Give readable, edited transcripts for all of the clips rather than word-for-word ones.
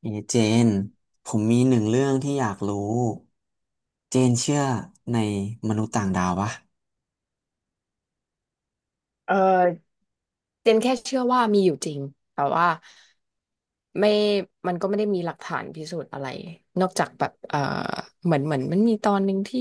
เอเจน ผมมีหนึ่งเรื่องที่อยากรู้ เจนเชื่อในมนุษย์ต่างดาวปะเออเจนแค่เชื่อว่ามีอยู่จริงแต่ว่าไม่มันก็ไม่ได้มีหลักฐานพิสูจน์อะไรนอกจากแบบเหมือนมันมีตอนหนึ่งที่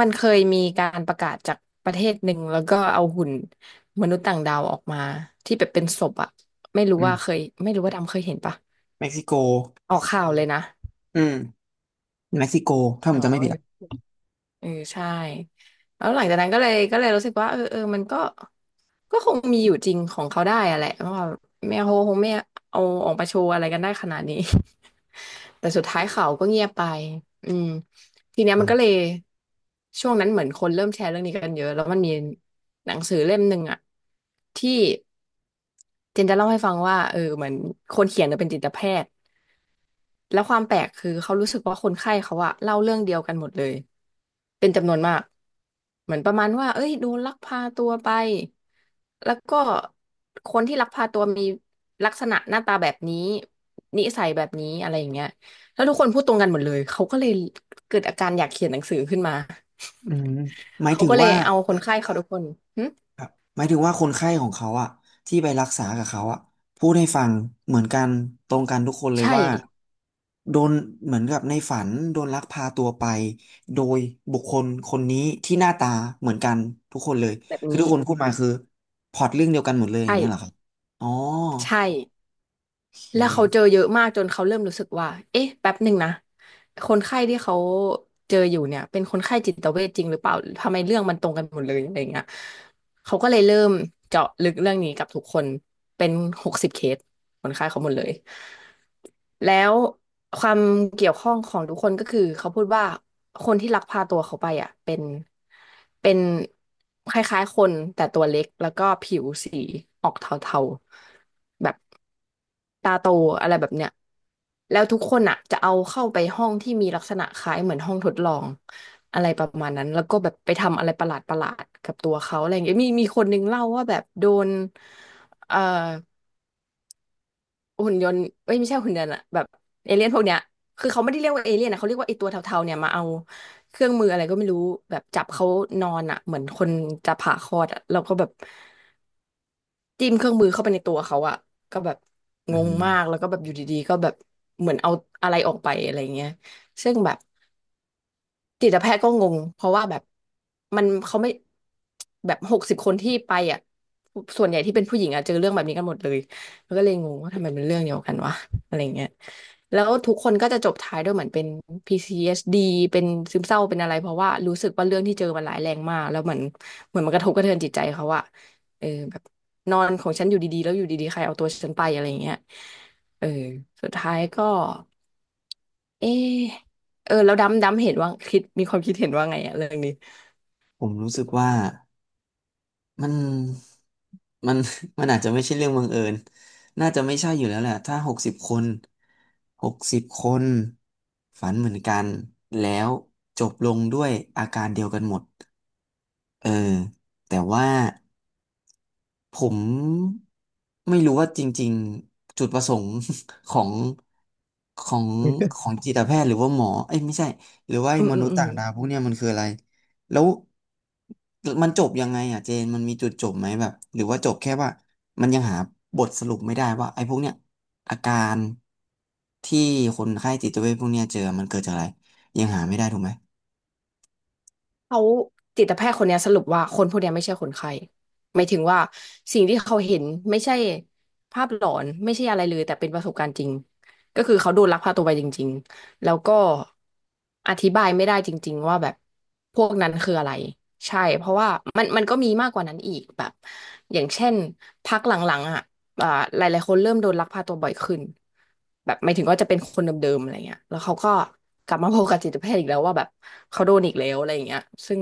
มันเคยมีการประกาศจากประเทศหนึ่งแล้วก็เอาหุ่นมนุษย์ต่างดาวออกมาที่แบบเป็นศพอะอืมไม่รู้ว่าดำเคยเห็นปะเม็กซิโก ออกข่าวเลยนะอืมเม็กซิโก ถ้าผอ๋มจำไม่ผิดอ่ะอ เออใช่แล้วหลังจากนั้นก็เลยรู้สึกว่ามันก็คงมีอยู่จริงของเขาได้อะแหละเพราะว่าแม่โฮคงไม่เอาออกมาโชว์อะไรกันได้ขนาดนี้ แต่สุดท้ายเขาก็เงียบไปอืมทีเนี้ยอืมันมก็เลยช่วงนั้นเหมือนคนเริ่มแชร์เรื่องนี้กันเยอะแล้วมันมีหนังสือเล่มหนึ่งอะที่เจนจะเล่าให้ฟังว่าเออเหมือนคนเขียนเนี่ยเป็นจิตแพทย์แล้วความแปลกคือเขารู้สึกว่าคนไข้เขาอะเล่าเรื่องเดียวกันหมดเลย เป็นจำนวนมากเหมือนประมาณว่าเอ้ยโดนลักพาตัวไปแล้วก็คนที่ลักพาตัวมีลักษณะหน้าตาแบบนี้นิสัยแบบนี้อะไรอย่างเงี้ยแล้วทุกคนพูดตรงกันหมดเลยเขาก็เลยเกิดอาการอยากเขียนหนังสือขึ้นมาอืม หมายเขาถึงก็เลยว่า เอาคนไข้เขาทุกคนหึครับหมายถึงว่าคนไข้ของเขาอะที่ไปรักษากับเขาอะพูดให้ฟังเหมือนกันตรงกันทุกคนเลยใช่ว่าโดนเหมือนกับในฝันโดนลักพาตัวไปโดยบุคคลคนนี้ที่หน้าตาเหมือนกันทุกคนเลยแบบคือทุนี้กคนพูดมาคือพล็อตเรื่องเดียวกันหมดเลยอย่าใช่งเงี้ยเหรอครับอ๋อใช่ โอเคแล้วเขาเจอเยอะมากจนเขาเริ่มรู้สึกว่าเอ๊ะแป๊บหนึ่งนะ คนไข้ที่เขาเจออยู่เนี่ยเป็นคนไข้จิตเวชจริงหรือเปล่า ทำไมเรื่องมันตรงกันหมดเลยอะไรเงี้ยเขาก็เลยเริ่มเจาะลึกเรื่องนี้กับทุกคนเป็นหกสิบเคสคนไข้เขาหมดเลย แล้วความเกี่ยวข้องของทุกคนก็คือเขาพูดว่าคนที่ลักพาตัวเขาไปอ่ะเป็นเป็นคล้ายๆคนแต่ตัวเล็กแล้วก็ผิวสีออกเทาๆแบบตาโตอะไรแบบเนี้ยแล้วทุกคนอ่ะจะเอาเข้าไปห้องที่มีลักษณะคล้ายเหมือนห้องทดลองอะไรประมาณนั้นแล้วก็แบบไปทำอะไรประหลาดๆกับตัวเขาอะไรอย่างเงี้ยมีคนนึงเล่าว่าแบบโดนเอ่อ หุ่นยนต์เอ้ยไม่ใช่หุ่นยนต์อะแบบเอเลี่ยนพวกเนี้ยคือเขาไม่ได้เรียกว่าเอเลี่ยนนะเขาเรียกว่าไอตัวเทาๆเนี่ยมาเอาเครื่องมืออะไรก็ไม่รู้แบบจับเขานอนอะเหมือนคนจะผ่าคลอดอะเราก็แบบจิ้มเครื่องมือเข้าไปในตัวเขาอะก็แบบอืงงมากมแล้วก็แบบอยู่ดีๆก็แบบเหมือนเอาอะไรออกไปอะไรเงี้ยซึ่งแบบ จิตแพทย์ก็งงเพราะว่าแบบมันเขาไม่แบบ60 คนที่ไปอ่ะส่วนใหญ่ที่เป็นผู้หญิงอ่ะเจอเรื่องแบบนี้กันหมดเลยมันก็เลยงงว่าทำไมเป็นเรื่องเดียวกันวะอะไรเงี้ยแล้วทุกคนก็จะจบท้ายด้วยเหมือนเป็น PCSD เอสดีเป็นซึมเศร้าเป็นอะไรเพราะว่ารู้สึกว่าเรื่องที่เจอมันร้ายแรงมากแล้วเหมือนมันกระทบกระเทือนจิตใจเขาอะเออแบบนอนของฉันอยู่ดีๆแล้วอยู่ดีๆใครเอาตัวฉันไปอะไรเงี้ยเออสุดท้ายก็ เออเออแล้วดำเห็นว่าคิดมีความคิดเห็นว่าไงอะเรื่องนี้ผมรู้สึกว่า มันมัน มันอาจจะไม่ใช่เรื่องบังเอิญน่าจะไม่ใช่อยู่แล้วแหละ ถ้าหกสิบคน60 คน ฝันเหมือนกัน แล้วจบลงด้วยอาการเดียวกันหมด เออ แต่ว่า ผมไม่รู้ว่าจริงๆจุดประสงค์ ของของของจิตแพทย์หรือว่าหมอเอ้ยไม่ใช่หรือว่าไอ้อืมมอืนุมษย์อืมต่างดาวพวกเนี้ยมันคืออะไรแล้วมันจบยังไงอ่ะเจนมันมีจุดจบไหมแบบหรือว่าจบแค่ว่ามันยังหาบทสรุปไม่ได้ว่าไอ้พวกเนี้ยอาการที่คนไข้จิตเวชพวกเนี้ยเจอมันเกิดจากอะไรยังหาไม่ได้ถูกไหมเขาจิตแพทย์คนเนี้ยสรุปว่าคนพวกเนี้ยไม่ใช่คนไข้หมายถึงว่าสิ่งที่เขาเห็นไม่ใช่ภาพหลอนไม่ใช่อะไรเลยแต่เป็นประสบการณ์จริงก็คือเขาโดนลักพาตัวไปจริงๆแล้วก็อธิบายไม่ได้จริงๆว่าแบบพวกนั้นคืออะไรใช่เพราะว่ามันก็มีมากกว่านั้นอีกแบบอย่างเช่นพักหลังๆอ่ะ อ่าหลายๆคนเริ่มโดนลักพาตัวบ่อยขึ้นแบบหมายถึงว่าจะเป็นคนเดิมๆอะไรเงี้ยแล้วเขาก็กลับมาพบกับจิตแพทย์อีกแล้วว่าแบบเขาโดนอีกแล้วอะไรเงี้ยซึ่ง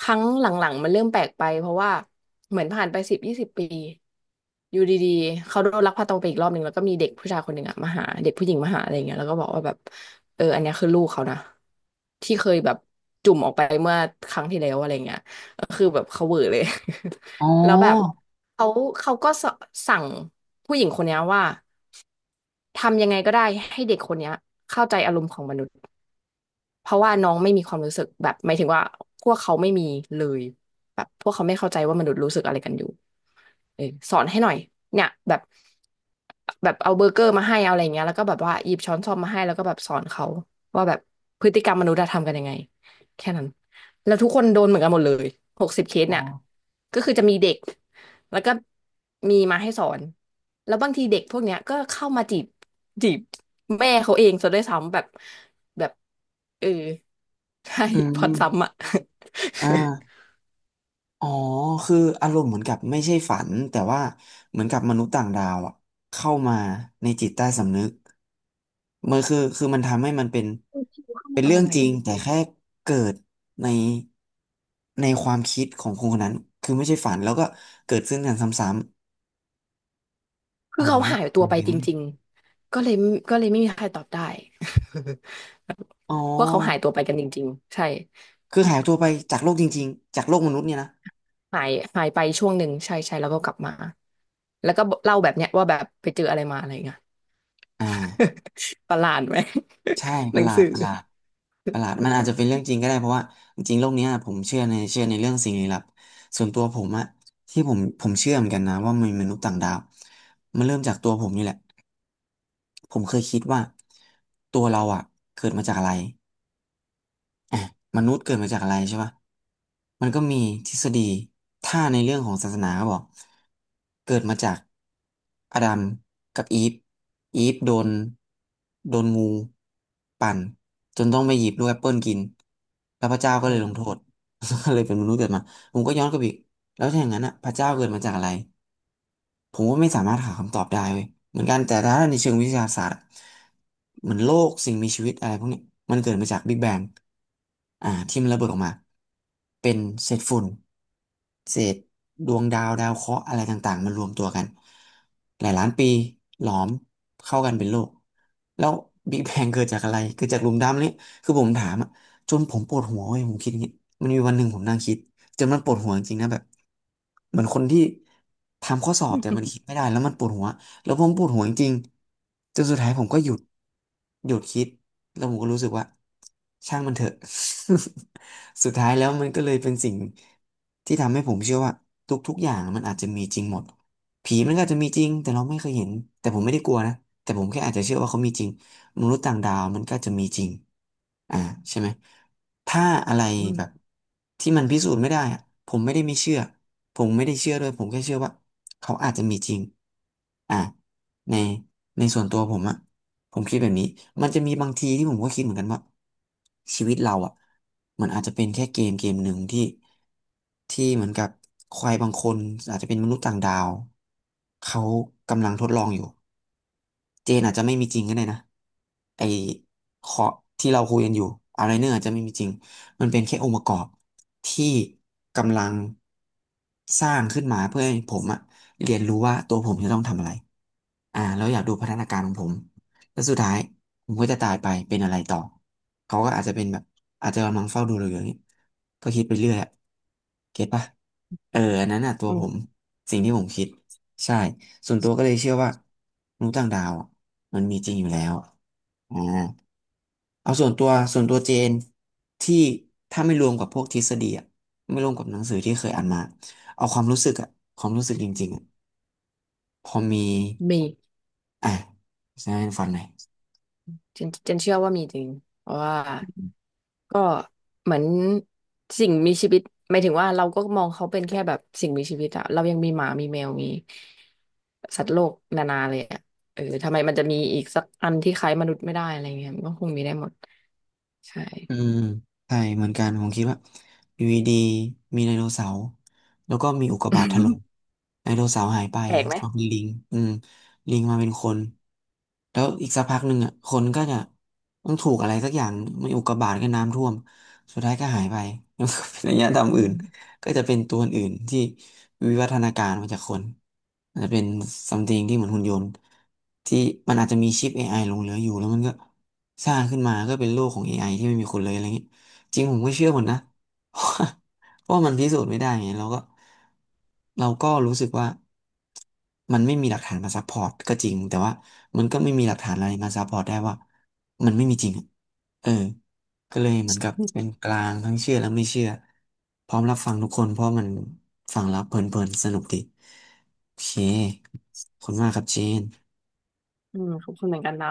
ครั้งหลังๆมันเริ่มแปลกไปเพราะว่าเหมือนผ่านไป10-20 ปีอยู่ดีๆเขาโดนลักพาตัวไปอีกรอบหนึ่งแล้วก็มีเด็กผู้ชายคนหนึ่งอะมาหาเด็กผู้หญิงมาหาอะไรเงี้ยแล้วก็บอกว่าแบบเอออันเนี้ยคือลูกเขานะที่เคยแบบจุ่มออกไปเมื่อครั้งที่แล้วอะไรเงี้ยก็คือแบบเขาเหวอเลย อ๋อ แล้วแบบ เขาเขาก็สั่งผู้หญิงคนเนี้ยว่าทำยังไงก็ได้ให้เด็กคนเนี้ยเข้าใจอารมณ์ของมนุษย์ เพราะว่าน้องไม่มีความรู้สึกแบบหมายถึงว่าพวกเขาไม่มีเลยแบบพวกเขาไม่เข้าใจว่ามนุษย์รู้สึกอะไรกันอยู่เออสอนให้หน่อยเนี่ยแบบแบบเอาเบอร์เกอร์มาให้เอาอะไรเงี้ยแล้วก็แบบว่าหยิบช้อนส้อมมาให้แล้วก็แบบสอนเขาว่าแบบพฤติกรรมมนุษย์อะทำกันยังไงแค่นั้นแล้วทุกคนโดนเหมือนกันหมดเลยหกสิบเคสอ๋อเนี่ยก็คือจะมีเด็กแล้วก็มีมาให้สอนแล้วบางทีเด็กพวกเนี้ยก็เข้ามาจีบแม่เขาเองซะด้วยซ้ำแบบแบบเออ ใช่ อื พล็อตซ้ำมอ่ะ อ่า อ๋อคืออารมณ์เหมือนกับไม่ใช่ฝันแต่ว่าเหมือนกับมนุษย์ต่างดาวอะเข้ามาในจิตใต้สำนึกมันคือมันทำให้มันเป็นเป็ นเอาเรื่องอะไรจริงแต่แค่เกิดในความคิดของคนคนนั้นคือไม่ใช่ฝันแล้วก็เกิดขึ้นกันซ้ำๆคือ๋ออเขานะหายเหตัวมือนไปกันจนะริงๆก็เลยไม่มีใครตอบได้ อ๋อเพราะว่าเขาหายตัวไปกันจริงๆใช่คือหายตัวไปจากโลกจริงๆจากโลกมนุษย์เนี่ยนะหายหายไปช่วงหนึ่งใช่ใช่แล้วก็กลับมาแล้วก็เล่าแบบเนี้ยว่าแบบไปเจออะไรมาอะไรเงี้ย อ่า ประหลาดไหม ใช่ ปหนัระหงลาสืดอประหลาดประหลาดมันอาจจะเป็นเรื่องจริงก็ได้เพราะว่าจริงๆโลกเนี้ยผมเชื่อในเรื่องสิ่งลี้ลับส่วนตัวผมอะที่ผมเชื่อเหมือนกันนะว่ามีมนุษย์ต่างดาวมันเริ่มจากตัวผมนี่แหละผมเคยคิดว่าตัวเราอะเกิดมาจากอะไร อ่ะมนุษย์เกิดมาจากอะไรใช่ปะมันก็มีทฤษฎีถ้าในเรื่องของศาสนาเขาบอกเกิดมาจากอาดัมกับอีฟอีฟโดนงูปั่นจนต้องไปหยิบลูกแอปเปิลกิน แล้วพระเจ้าก็เลยลงโทษ ก็เลยเป็นมนุษย์เกิดมา ผมก็ย้อนกลับอีกแล้วถ้าอย่างนั้นอ่ะพระเจ้าเกิดมาจากอะไร ผมว่าไม่สามารถหาคำตอบได้เว้ยเหมือนกันแต่ถ้าในเชิงวิทยาศาสตร์อะเหมือนโลกสิ่งมีชีวิตอะไรพวกนี้มันเกิดมาจากบิ๊กแบงอ่าที่มันระเบิดออกมาเป็นเศษฝุ่นเศษดวงดาวดาวเคราะห์อะไรต่างๆมันรวมตัวกันหลายล้านปีหลอมเข้ากันเป็นโลกแล้วบิ๊กแบงเกิดจากอะไรเกิดจากหลุมดำนี่คือผมถามอะจนผมปวดหัวเว้ยผมคิดอย่างงี้มันมีวันหนึ่งผมนั่งคิด จนมันปวดหัวจริงๆนะแบบเหมือนคนที่ทำข้อสอบแต่มันคิดไม่ได้แล้วมันปวดหัวแล้วผมปวดหัวจริงๆจนสุดท้ายผมก็หยุดหยุดคิดแล้วผมก็รู้สึกว่าช่างมันเถอะ สุดท้ายแล้วมันก็เลยเป็นสิ่งที่ทำให้ผมเชื่อว่าทุกๆอย่างมันอาจจะมีจริงหมดผีมันก็อาจจะมีจริงแต่เราไม่เคยเห็นแต่ผมไม่ได้กลัวนะแต่ผมแค่อาจจะเชื่อว่าเขามีจริง มนุษย์ต่างดาวมันก็จะมีจริง อ่าใช่ไหม ถ้าอะไรแบบที่มันพิสูจน์ไม่ได้อะผมไม่ได้ไม่เชื่อ ผมไม่ได้เชื่อด้วยผมแค่เชื่อว่าเขาอาจจะมีจริงอ่าในส่วนตัวผมอะผมคิดแบบนี้ มันจะมีบางทีที่ผมก็คิดเหมือนกันว่าชีวิตเราอะมันอาจจะเป็นแค่เกมเกมหนึ่งที่เหมือนกับใครบางคนอาจจะเป็นมนุษย์ต่างดาวเขากำลังทดลองอยู่ เจนอาจจะไม่มีจริงก็ได้นะไอขอที่เราคุยกันอยู่อะไรเนอร์อาจจะไม่มีจริงมันเป็นแค่องค์ประกอบที่กำลังสร้างขึ้นมาเพื่อให้ผมอะเรียนรู้ว่าตัวผมจะต้องทำอะไรอ่าแล้วอยากดูพัฒนาการของผมแล้วสุดท้ายผมก็จะตายไปเป็นอะไรต่อเขาก็อาจจะเป็นแบบอาจจะกำลังเฝ้าดูเราอยู่อย่างนี้ก็คิดไปเรื่อยอะเก็ตปะเอออันนั้นอะตัวอืผมมสิ่งที่ผมคิดใช่ ส่วนตัวก็เลยเชื่อว่ามนุษย์ต่างดาวอะมันมีจริงอยู่แล้วอ่าเอาส่วนตัวเจนที่ถ้าไม่รวมกับพวกทฤษฎีอะไม่รวมกับหนังสือที่เคยอ่านมาเอาความรู้สึกอะความรู้สึกจริงๆอะพอมีมีอ่ะใช่ฟันหน่อย เจนเชื่อว่ามีจริงเพราะว่า ก็เหมือนสิ่งมีชีวิตหมายถึงว่าเราก็มองเขาเป็นแค่แบบสิ่งมีชีวิตอะเรายังมีหมามีแมวมีสัตว์โลกนานาเลยอะเออทำไมมันจะมีอีกสักอันที่คล้ายมนุษย์ไม่ได้อะไรเงี้ยมันก็คงมีได้หมดใช่ อืมใช่เหมือนกันผมคิดว่าอยู่ดีๆมีไดโนเสาร์แล้วก็มีอุกกาบาตถล่ม ไดโนเสาร์หายไปแปลกไหมมาเป็นลิงอืมลิงมาเป็นคนแล้วอีกสักพักหนึ่งอ่ะคนก็จะต้องถูกอะไรสักอย่างไม่อุกกาบาตก็น้ำท่วมสุดท้ายก็หายไป แล้วก็เป็นอารยธรรมอื่นก็จะเป็นตัวอื่นที่ วิวัฒนาการมาจากคนอาจจะเป็นซัมติงที่เหมือนหุ่นยนต์ที่มันอาจจะมีชิป AI หลงเหลืออยู่แล้วมันก็สร้างขึ้นมาก็เป็นโลกของ AI ที่ไม่มีคนเลยอะไรอย่างนี้จริงผมก็เชื่อหมดนะ เพราะว่ามันพิสูจน์ไม่ได้ไงเราก็รู้สึกว่ามันไม่มีหลักฐานมาซัพพอร์ตก็จริงแต่ว่ามันก็ไม่มีหลักฐานอะไรมาซัพพอร์ตได้ว่ามันไม่มีจริงอะเออ ก็เลยเหมือนกับเป็นกลางทั้งเชื่อและไม่เชื่อพร้อมรับฟังทุกคนเพราะมันฟังแล้วเพลินๆสนุกดีโอเคขอบคุณมากครับเจนอืมขอบคุณเหมือนกันน้